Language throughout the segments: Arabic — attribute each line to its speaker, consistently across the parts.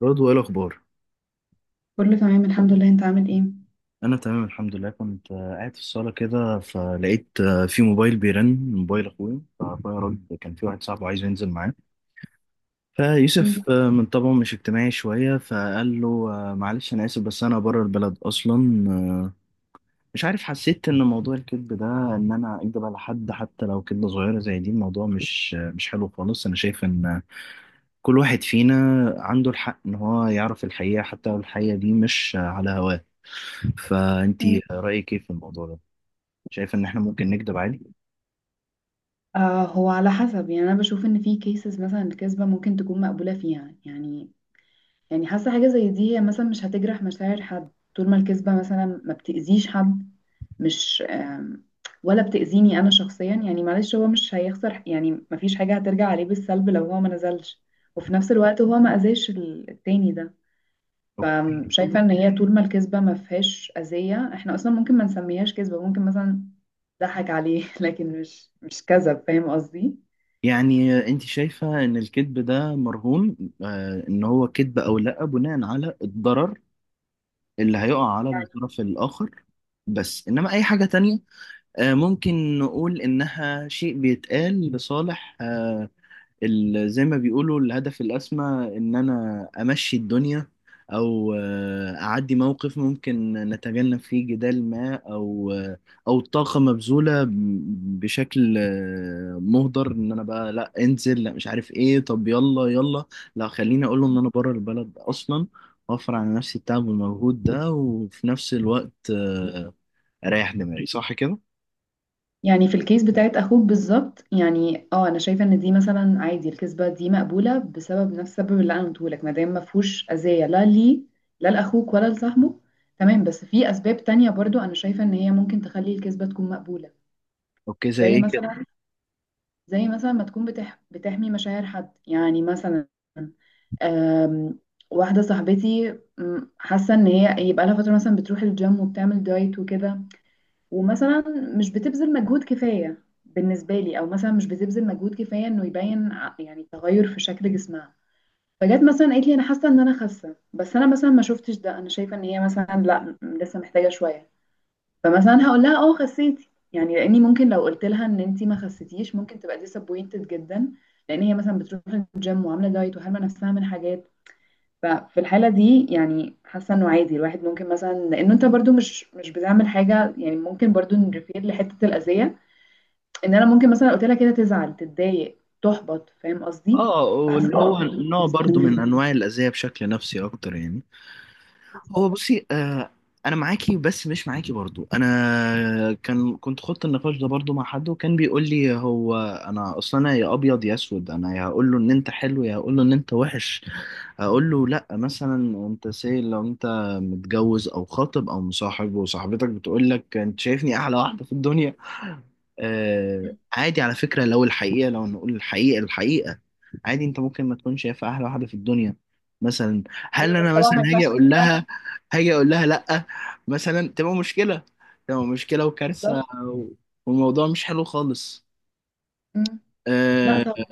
Speaker 1: برضو ايه الاخبار؟
Speaker 2: كله تمام الحمد لله، انت عامل ايه؟
Speaker 1: انا تمام الحمد لله. كنت قاعد في الصاله كده، فلقيت في موبايل بيرن. موبايل اخويا، فاخويا راجل كان في واحد صاحبه عايز ينزل معاه.
Speaker 2: مم.
Speaker 1: فيوسف من طبعه مش اجتماعي شويه، فقال له معلش انا اسف، بس انا بره البلد اصلا. مش عارف، حسيت ان موضوع الكذب ده، ان انا اكذب على حد حتى لو كذبه صغيره زي دي، الموضوع مش مش حلو خالص. انا شايف ان كل واحد فينا عنده الحق ان هو يعرف الحقيقة، حتى لو الحقيقة دي مش على هواه.
Speaker 2: مم.
Speaker 1: فانتي رأيك ايه في الموضوع ده؟ شايفة ان احنا ممكن نكذب عادي؟
Speaker 2: آه، هو على حسب. يعني انا بشوف ان في كيسز مثلا الكذبة ممكن تكون مقبولة فيها. يعني حاسة حاجة زي دي، هي مثلا مش هتجرح مشاعر حد، طول ما الكذبة مثلا ما بتأذيش حد، مش ولا بتأذيني انا شخصيا. يعني معلش هو مش هيخسر، يعني مفيش حاجة هترجع عليه بالسلب لو هو ما نزلش، وفي نفس الوقت هو ما اذاش التاني ده.
Speaker 1: اوكي.
Speaker 2: فشايفة ان هي طول ما الكذبة ما فيهاش أذية احنا اصلا ممكن ما نسميهاش كذبة، ممكن مثلا ضحك عليه لكن مش كذب، فاهم قصدي؟
Speaker 1: يعني انت شايفة ان الكذب ده مرهون، آه، ان هو كذب او لا، بناء على الضرر اللي هيقع على الطرف الاخر، بس انما اي حاجة تانية آه ممكن نقول انها شيء بيتقال لصالح زي ما بيقولوا الهدف الأسمى، إن أنا أمشي الدنيا أو أعدي موقف ممكن نتجنب فيه جدال ما، أو أو طاقة مبذولة بشكل مهدر. إن أنا بقى لا انزل، لا مش عارف إيه، طب يلا يلا، لا خليني أقول له إن أنا بره البلد أصلا، أوفر على نفسي التعب والمجهود ده، وفي نفس الوقت أريح دماغي. صح كده؟
Speaker 2: يعني في الكيس بتاعت اخوك بالظبط. يعني اه، انا شايفه ان دي مثلا عادي، الكذبه دي مقبوله بسبب نفس السبب اللي انا قلته لك، ما دام ما فيهوش اذيه، لا ليه، لا لاخوك ولا لصاحبه، تمام. بس في اسباب تانية برضو انا شايفه ان هي ممكن تخلي الكذبه تكون مقبوله.
Speaker 1: أوكي، زي
Speaker 2: زي
Speaker 1: إيه؟
Speaker 2: مثلا، زي مثلا ما تكون بتحمي مشاعر حد، يعني مثلا أم... واحدة صاحبتي، حاسة ان هي يبقى لها فترة مثلا بتروح الجيم وبتعمل دايت وكده، ومثلا مش بتبذل مجهود كفاية بالنسبة لي، او مثلا مش بتبذل مجهود كفاية انه يبين يعني تغير في شكل جسمها. فجت مثلا قالت لي، انا حاسة ان انا خاسة، بس انا مثلا ما شفتش ده، انا شايفة ان هي مثلا لا، لسه محتاجة شوية. فمثلا هقول لها اه خسيتي، يعني لاني ممكن لو قلت لها ان انت ما خسيتيش ممكن تبقى ديسابوينتد جدا، لان هي مثلا بتروح الجيم وعامله دايت وحارمه نفسها من حاجات. ففي الحاله دي يعني حاسه انه عادي الواحد ممكن مثلا، لانه انت برضو مش بتعمل حاجه، يعني ممكن برضو نريفير لحته الاذيه، ان انا ممكن مثلا قلت لها كده تزعل تتضايق تحبط، فاهم قصدي؟
Speaker 1: اه،
Speaker 2: فحاسه
Speaker 1: واللي هو نوع برضو من انواع الاذيه، بشكل نفسي اكتر يعني. هو
Speaker 2: بالظبط.
Speaker 1: بصي، آه، انا معاكي بس مش معاكي برضو. انا كنت خدت النقاش ده برضو مع حد، وكان بيقول لي هو، انا اصلا انا يا ابيض يا اسود، انا يا هقول له ان انت حلو يا هقول له ان انت وحش. هقول له لا مثلا، انت سي، لو انت متجوز او خاطب او مصاحب، وصاحبتك بتقول لك انت شايفني احلى واحده في الدنيا، آه، عادي على فكره، لو الحقيقه، لو نقول الحقيقه الحقيقه، عادي انت ممكن ما تكونش شايف احلى واحده في الدنيا مثلا. هل
Speaker 2: ايوه بس
Speaker 1: انا
Speaker 2: طبعا
Speaker 1: مثلا
Speaker 2: ما ينفعش
Speaker 1: هاجي اقول
Speaker 2: تقول لها كده.
Speaker 1: لها، هاجي اقول لها لا مثلا؟ تبقى مشكله، تبقى مشكله
Speaker 2: بالظبط.
Speaker 1: وكارثه والموضوع مش حلو خالص.
Speaker 2: مم. لا
Speaker 1: آه،
Speaker 2: طبعا.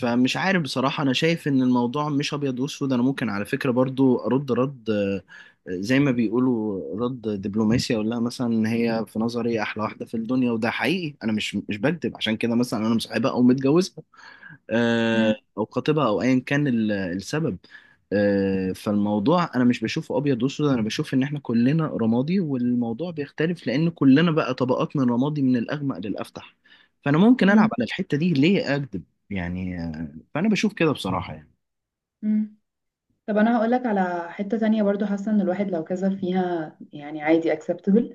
Speaker 1: فمش عارف بصراحة، أنا شايف إن الموضوع مش أبيض وأسود. أنا ممكن على فكرة برضو أرد رد زي ما بيقولوا رد دبلوماسي، أقول لها مثلا إن هي في نظري أحلى واحدة في الدنيا، وده حقيقي، أنا مش بكذب، عشان كده مثلا أنا مصاحبها أو متجوزها
Speaker 2: مم.
Speaker 1: أو خطيبها أو أيا كان السبب. فالموضوع أنا مش بشوفه أبيض وأسود، أنا بشوف إن إحنا كلنا رمادي، والموضوع بيختلف لأن كلنا بقى طبقات من رمادي، من الأغمق للأفتح. فأنا ممكن ألعب
Speaker 2: مم.
Speaker 1: على الحتة دي، ليه أكذب يعني؟ فانا بشوف كده بصراحه يعني.
Speaker 2: مم. طب انا هقولك على حتة تانية برضو، حاسة ان الواحد لو كذب فيها يعني عادي acceptable.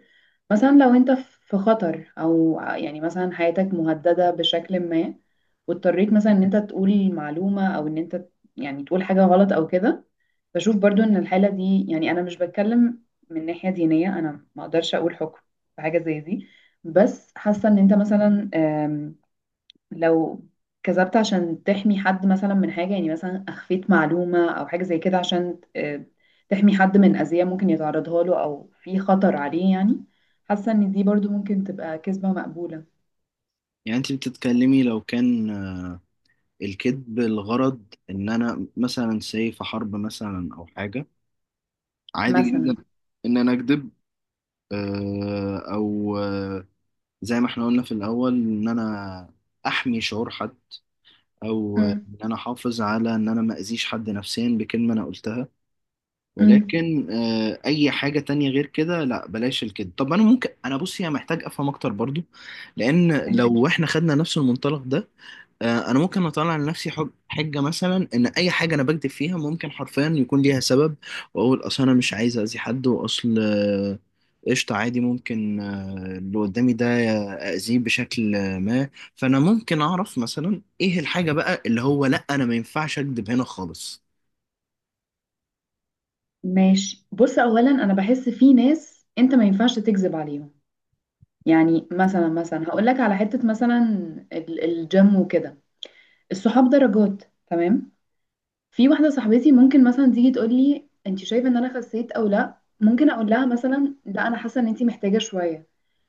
Speaker 2: مثلا لو انت في خطر، او يعني مثلا حياتك مهددة بشكل ما، واضطريت مثلا ان انت تقول معلومة، او ان انت يعني تقول حاجة غلط او كده، بشوف برضو ان الحالة دي، يعني انا مش بتكلم من ناحية دينية، انا ما اقدرش اقول حكم في حاجة زي دي، بس حاسة ان انت مثلا لو كذبت عشان تحمي حد مثلا من حاجة، يعني مثلا أخفيت معلومة أو حاجة زي كده عشان تحمي حد من أذية ممكن يتعرضها له أو في خطر عليه، يعني حاسة إن دي برضو ممكن تبقى كذبة مقبولة.
Speaker 1: يعني انت بتتكلمي لو كان الكذب الغرض ان انا مثلا ساي في حرب مثلا او حاجه، عادي
Speaker 2: مثلا.
Speaker 1: جدا ان انا اكذب، او زي ما احنا قلنا في الاول، ان انا احمي شعور حد، او
Speaker 2: مم.
Speaker 1: ان انا احافظ على ان انا ما اذيش حد نفسيا بكلمه انا قلتها.
Speaker 2: مم.
Speaker 1: ولكن اي حاجه تانية غير كده، لا بلاش الكذب. طب انا ممكن، انا بصي انا محتاج افهم اكتر برضو. لان لو احنا خدنا نفس المنطلق ده، انا ممكن اطلع لنفسي حجه مثلا، ان اي حاجه انا بكذب فيها ممكن حرفيا يكون ليها سبب، واقول اصل انا مش عايز اذي حد، واصل قشطه عادي، ممكن اللي قدامي ده اذيه بشكل ما. فانا ممكن اعرف مثلا ايه الحاجه بقى اللي هو لا، انا ما ينفعش اكذب هنا خالص.
Speaker 2: ماشي، بص، أولا أنا بحس في ناس أنت ما ينفعش تكذب عليهم. يعني مثلا، مثلا هقول لك على حتة مثلا الجيم وكده. الصحاب درجات، تمام. في واحدة صاحبتي ممكن مثلا تيجي تقول لي، انت شايفة ان انا خسيت او لا، ممكن اقول لها مثلا لا، انا حاسة ان انت محتاجة شوية.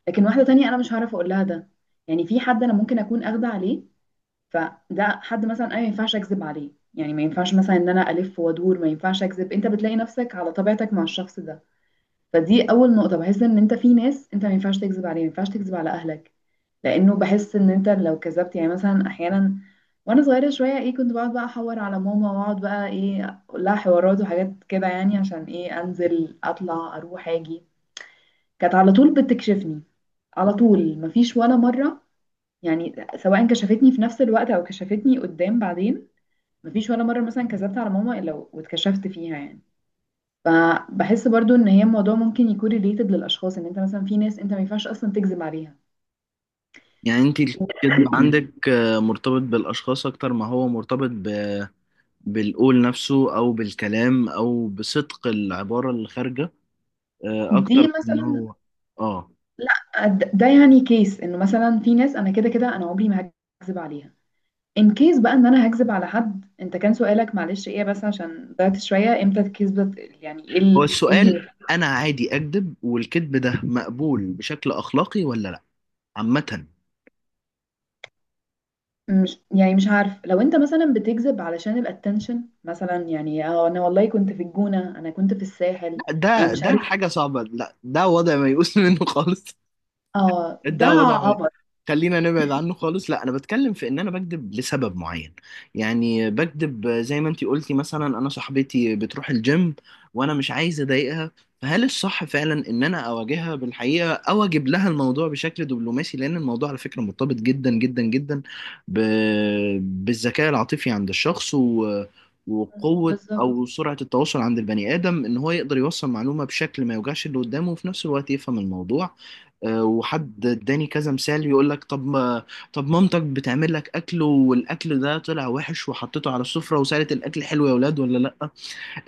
Speaker 2: لكن واحدة تانية انا مش هعرف اقول لها ده، يعني في حد انا ممكن اكون اخده عليه، فده حد مثلا انا ما ينفعش اكذب عليه، يعني ما ينفعش مثلا ان انا الف وادور، ما ينفعش اكذب، انت بتلاقي نفسك على طبيعتك مع الشخص ده. فدي اول نقطه، بحس ان انت في ناس انت ما ينفعش تكذب عليه، ما ينفعش تكذب على اهلك. لانه بحس ان انت لو كذبت، يعني مثلا احيانا وانا صغيره شويه ايه كنت بقعد بقى احور على ماما، واقعد بقى ايه اقول لها حوارات وحاجات كده يعني عشان ايه انزل اطلع اروح اجي، كانت على طول بتكشفني. على طول مفيش ولا مره، يعني سواء كشفتني في نفس الوقت او كشفتني قدام بعدين. مفيش ولا مره مثلا كذبت على ماما الا واتكشفت فيها، يعني. فبحس برضو ان هي الموضوع ممكن يكون ريليتد للاشخاص، ان انت مثلا في ناس انت ما ينفعش اصلا تكذب عليها.
Speaker 1: يعني انت الكذب عندك مرتبط بالاشخاص اكتر ما هو مرتبط ب بالقول نفسه او بالكلام او بصدق العباره اللي خارجه،
Speaker 2: دي
Speaker 1: اكتر من إن
Speaker 2: مثلا،
Speaker 1: هو، اه.
Speaker 2: لا، ده يعني كيس انه مثلا في ناس انا كده كده انا عمري ما هكذب عليها. ان كيس بقى ان انا هكذب على حد، انت كان سؤالك معلش ايه، بس عشان ضيعت شويه، امتى الكذبه، يعني ايه،
Speaker 1: هو
Speaker 2: إيه اللي،
Speaker 1: السؤال، انا عادي اكذب والكذب ده مقبول بشكل اخلاقي ولا لا عامة؟
Speaker 2: مش، يعني مش عارف، لو انت مثلا بتكذب علشان الاتنشن مثلا، يعني اه انا والله كنت في الجونه، انا كنت في الساحل،
Speaker 1: لا،
Speaker 2: انا
Speaker 1: ده
Speaker 2: مش
Speaker 1: ده
Speaker 2: عارف.
Speaker 1: حاجة صعبة، لا ده وضع ما يقوس منه خالص.
Speaker 2: اه ده
Speaker 1: الدواء ده وضع
Speaker 2: عبط.
Speaker 1: خلينا نبعد عنه خالص. لا انا بتكلم في ان انا بكذب لسبب معين. يعني بكذب زي ما انتي قلتي مثلا، انا صاحبتي بتروح الجيم وانا مش عايز اضايقها، فهل الصح فعلا ان انا اواجهها بالحقيقه، او اجيب لها الموضوع بشكل دبلوماسي؟ لان الموضوع على فكره مرتبط جدا جدا جدا ب بالذكاء العاطفي عند الشخص و وقوة
Speaker 2: بالظبط.
Speaker 1: أو سرعة التواصل عند البني آدم، إن هو يقدر يوصل معلومة بشكل ما يوجعش اللي قدامه، وفي نفس الوقت يفهم الموضوع. وحد اداني كذا مثال، يقول لك طب ما، طب مامتك بتعمل لك اكل، والاكل ده طلع وحش، وحطيته على السفرة وسالت الاكل حلو يا ولاد ولا لا.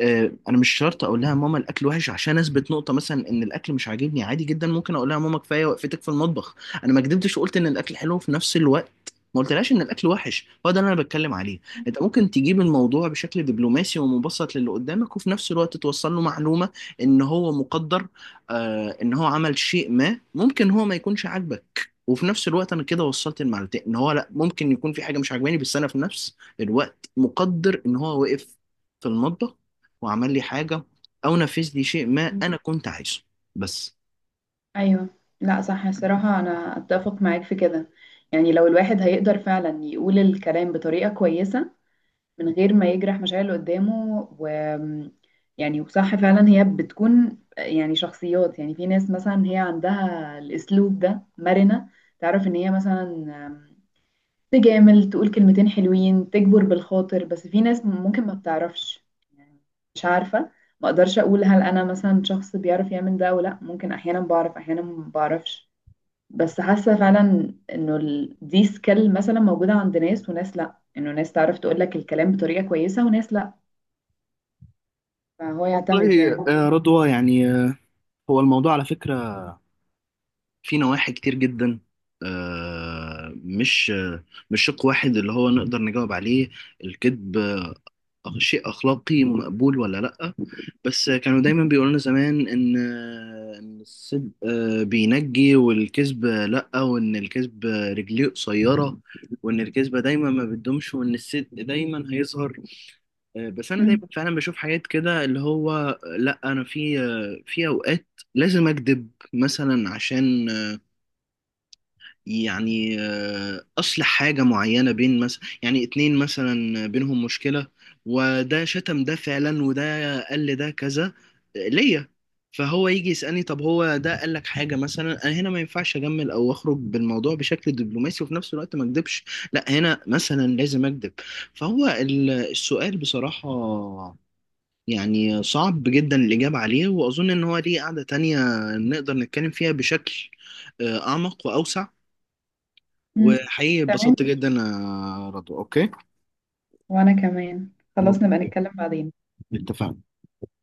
Speaker 1: انا مش شرط اقول لها ماما الاكل وحش، عشان اثبت نقطه مثلا ان الاكل مش عاجبني. عادي جدا ممكن اقول لها ماما كفايه وقفتك في المطبخ. انا ما كدبتش وقلت ان الاكل حلو، في نفس الوقت ما قلتلهاش ان الاكل وحش. هو ده اللي انا بتكلم عليه. انت ممكن تجيب الموضوع بشكل دبلوماسي ومبسط للي قدامك، وفي نفس الوقت توصل له معلومه ان هو مقدر، آه، ان هو عمل شيء ما ممكن هو ما يكونش عاجبك. وفي نفس الوقت انا كده وصلت المعلومتين، ان هو لا ممكن يكون في حاجه مش عاجباني، بس انا في نفس الوقت مقدر ان هو وقف في المطبخ وعمل لي حاجة، أو نفذ لي شيء ما أنا كنت عايزه. بس.
Speaker 2: ايوه. لا صح، الصراحه انا اتفق معاك في كده. يعني لو الواحد هيقدر فعلا يقول الكلام بطريقه كويسه من غير ما يجرح مشاعر اللي قدامه، و يعني، وصح فعلا، هي بتكون يعني شخصيات. يعني في ناس مثلا هي عندها الاسلوب ده، مرنه، تعرف ان هي مثلا تجامل، تقول كلمتين حلوين، تجبر بالخاطر، بس في ناس ممكن ما بتعرفش، يعني. مش عارفة، ما اقدرش اقول هل انا مثلا شخص بيعرف يعمل ده ولا لا، ممكن احيانا بعرف احيانا ما بعرفش. بس حاسة فعلا انه دي سكيل مثلا موجودة عند ناس، وناس لا، انه ناس تعرف تقول لك الكلام بطريقة كويسة، وناس لا. فهو يعتمد،
Speaker 1: والله
Speaker 2: يعني.
Speaker 1: رضوى يعني، هو الموضوع على فكرة في نواحي كتير جدا، مش مش شق واحد اللي هو نقدر نجاوب عليه. الكذب شيء أخلاقي مقبول ولا لأ؟ بس كانوا دايما بيقولوا لنا زمان إن إن الصدق بينجي والكذب لأ، وإن الكذب رجليه قصيرة، وإن الكذبة دايما ما بتدومش، وإن الصدق دايما هيظهر. بس انا
Speaker 2: مم.
Speaker 1: دايما فعلا بشوف حاجات كده، اللي هو لا انا في في اوقات لازم اكذب مثلا، عشان يعني اصلح حاجه معينه بين مثلا يعني اتنين مثلا بينهم مشكله، وده شتم ده فعلا، وده قال لي ده كذا ليا. فهو يجي يسالني طب هو ده قال لك حاجه مثلا؟ انا هنا ما ينفعش اجمل او اخرج بالموضوع بشكل دبلوماسي وفي نفس الوقت ما اكذبش. لا هنا مثلا لازم اكذب. فهو السؤال بصراحه يعني صعب جدا الإجابة عليه، وأظن إن هو ليه قعدة تانية نقدر نتكلم فيها بشكل أعمق وأوسع.
Speaker 2: مم.
Speaker 1: وحقيقي
Speaker 2: تمام.
Speaker 1: اتبسطت جدا يا رضوى، أوكي؟
Speaker 2: وانا كمان خلاص، نبقى
Speaker 1: أوكي،
Speaker 2: نتكلم بعدين.
Speaker 1: اتفقنا.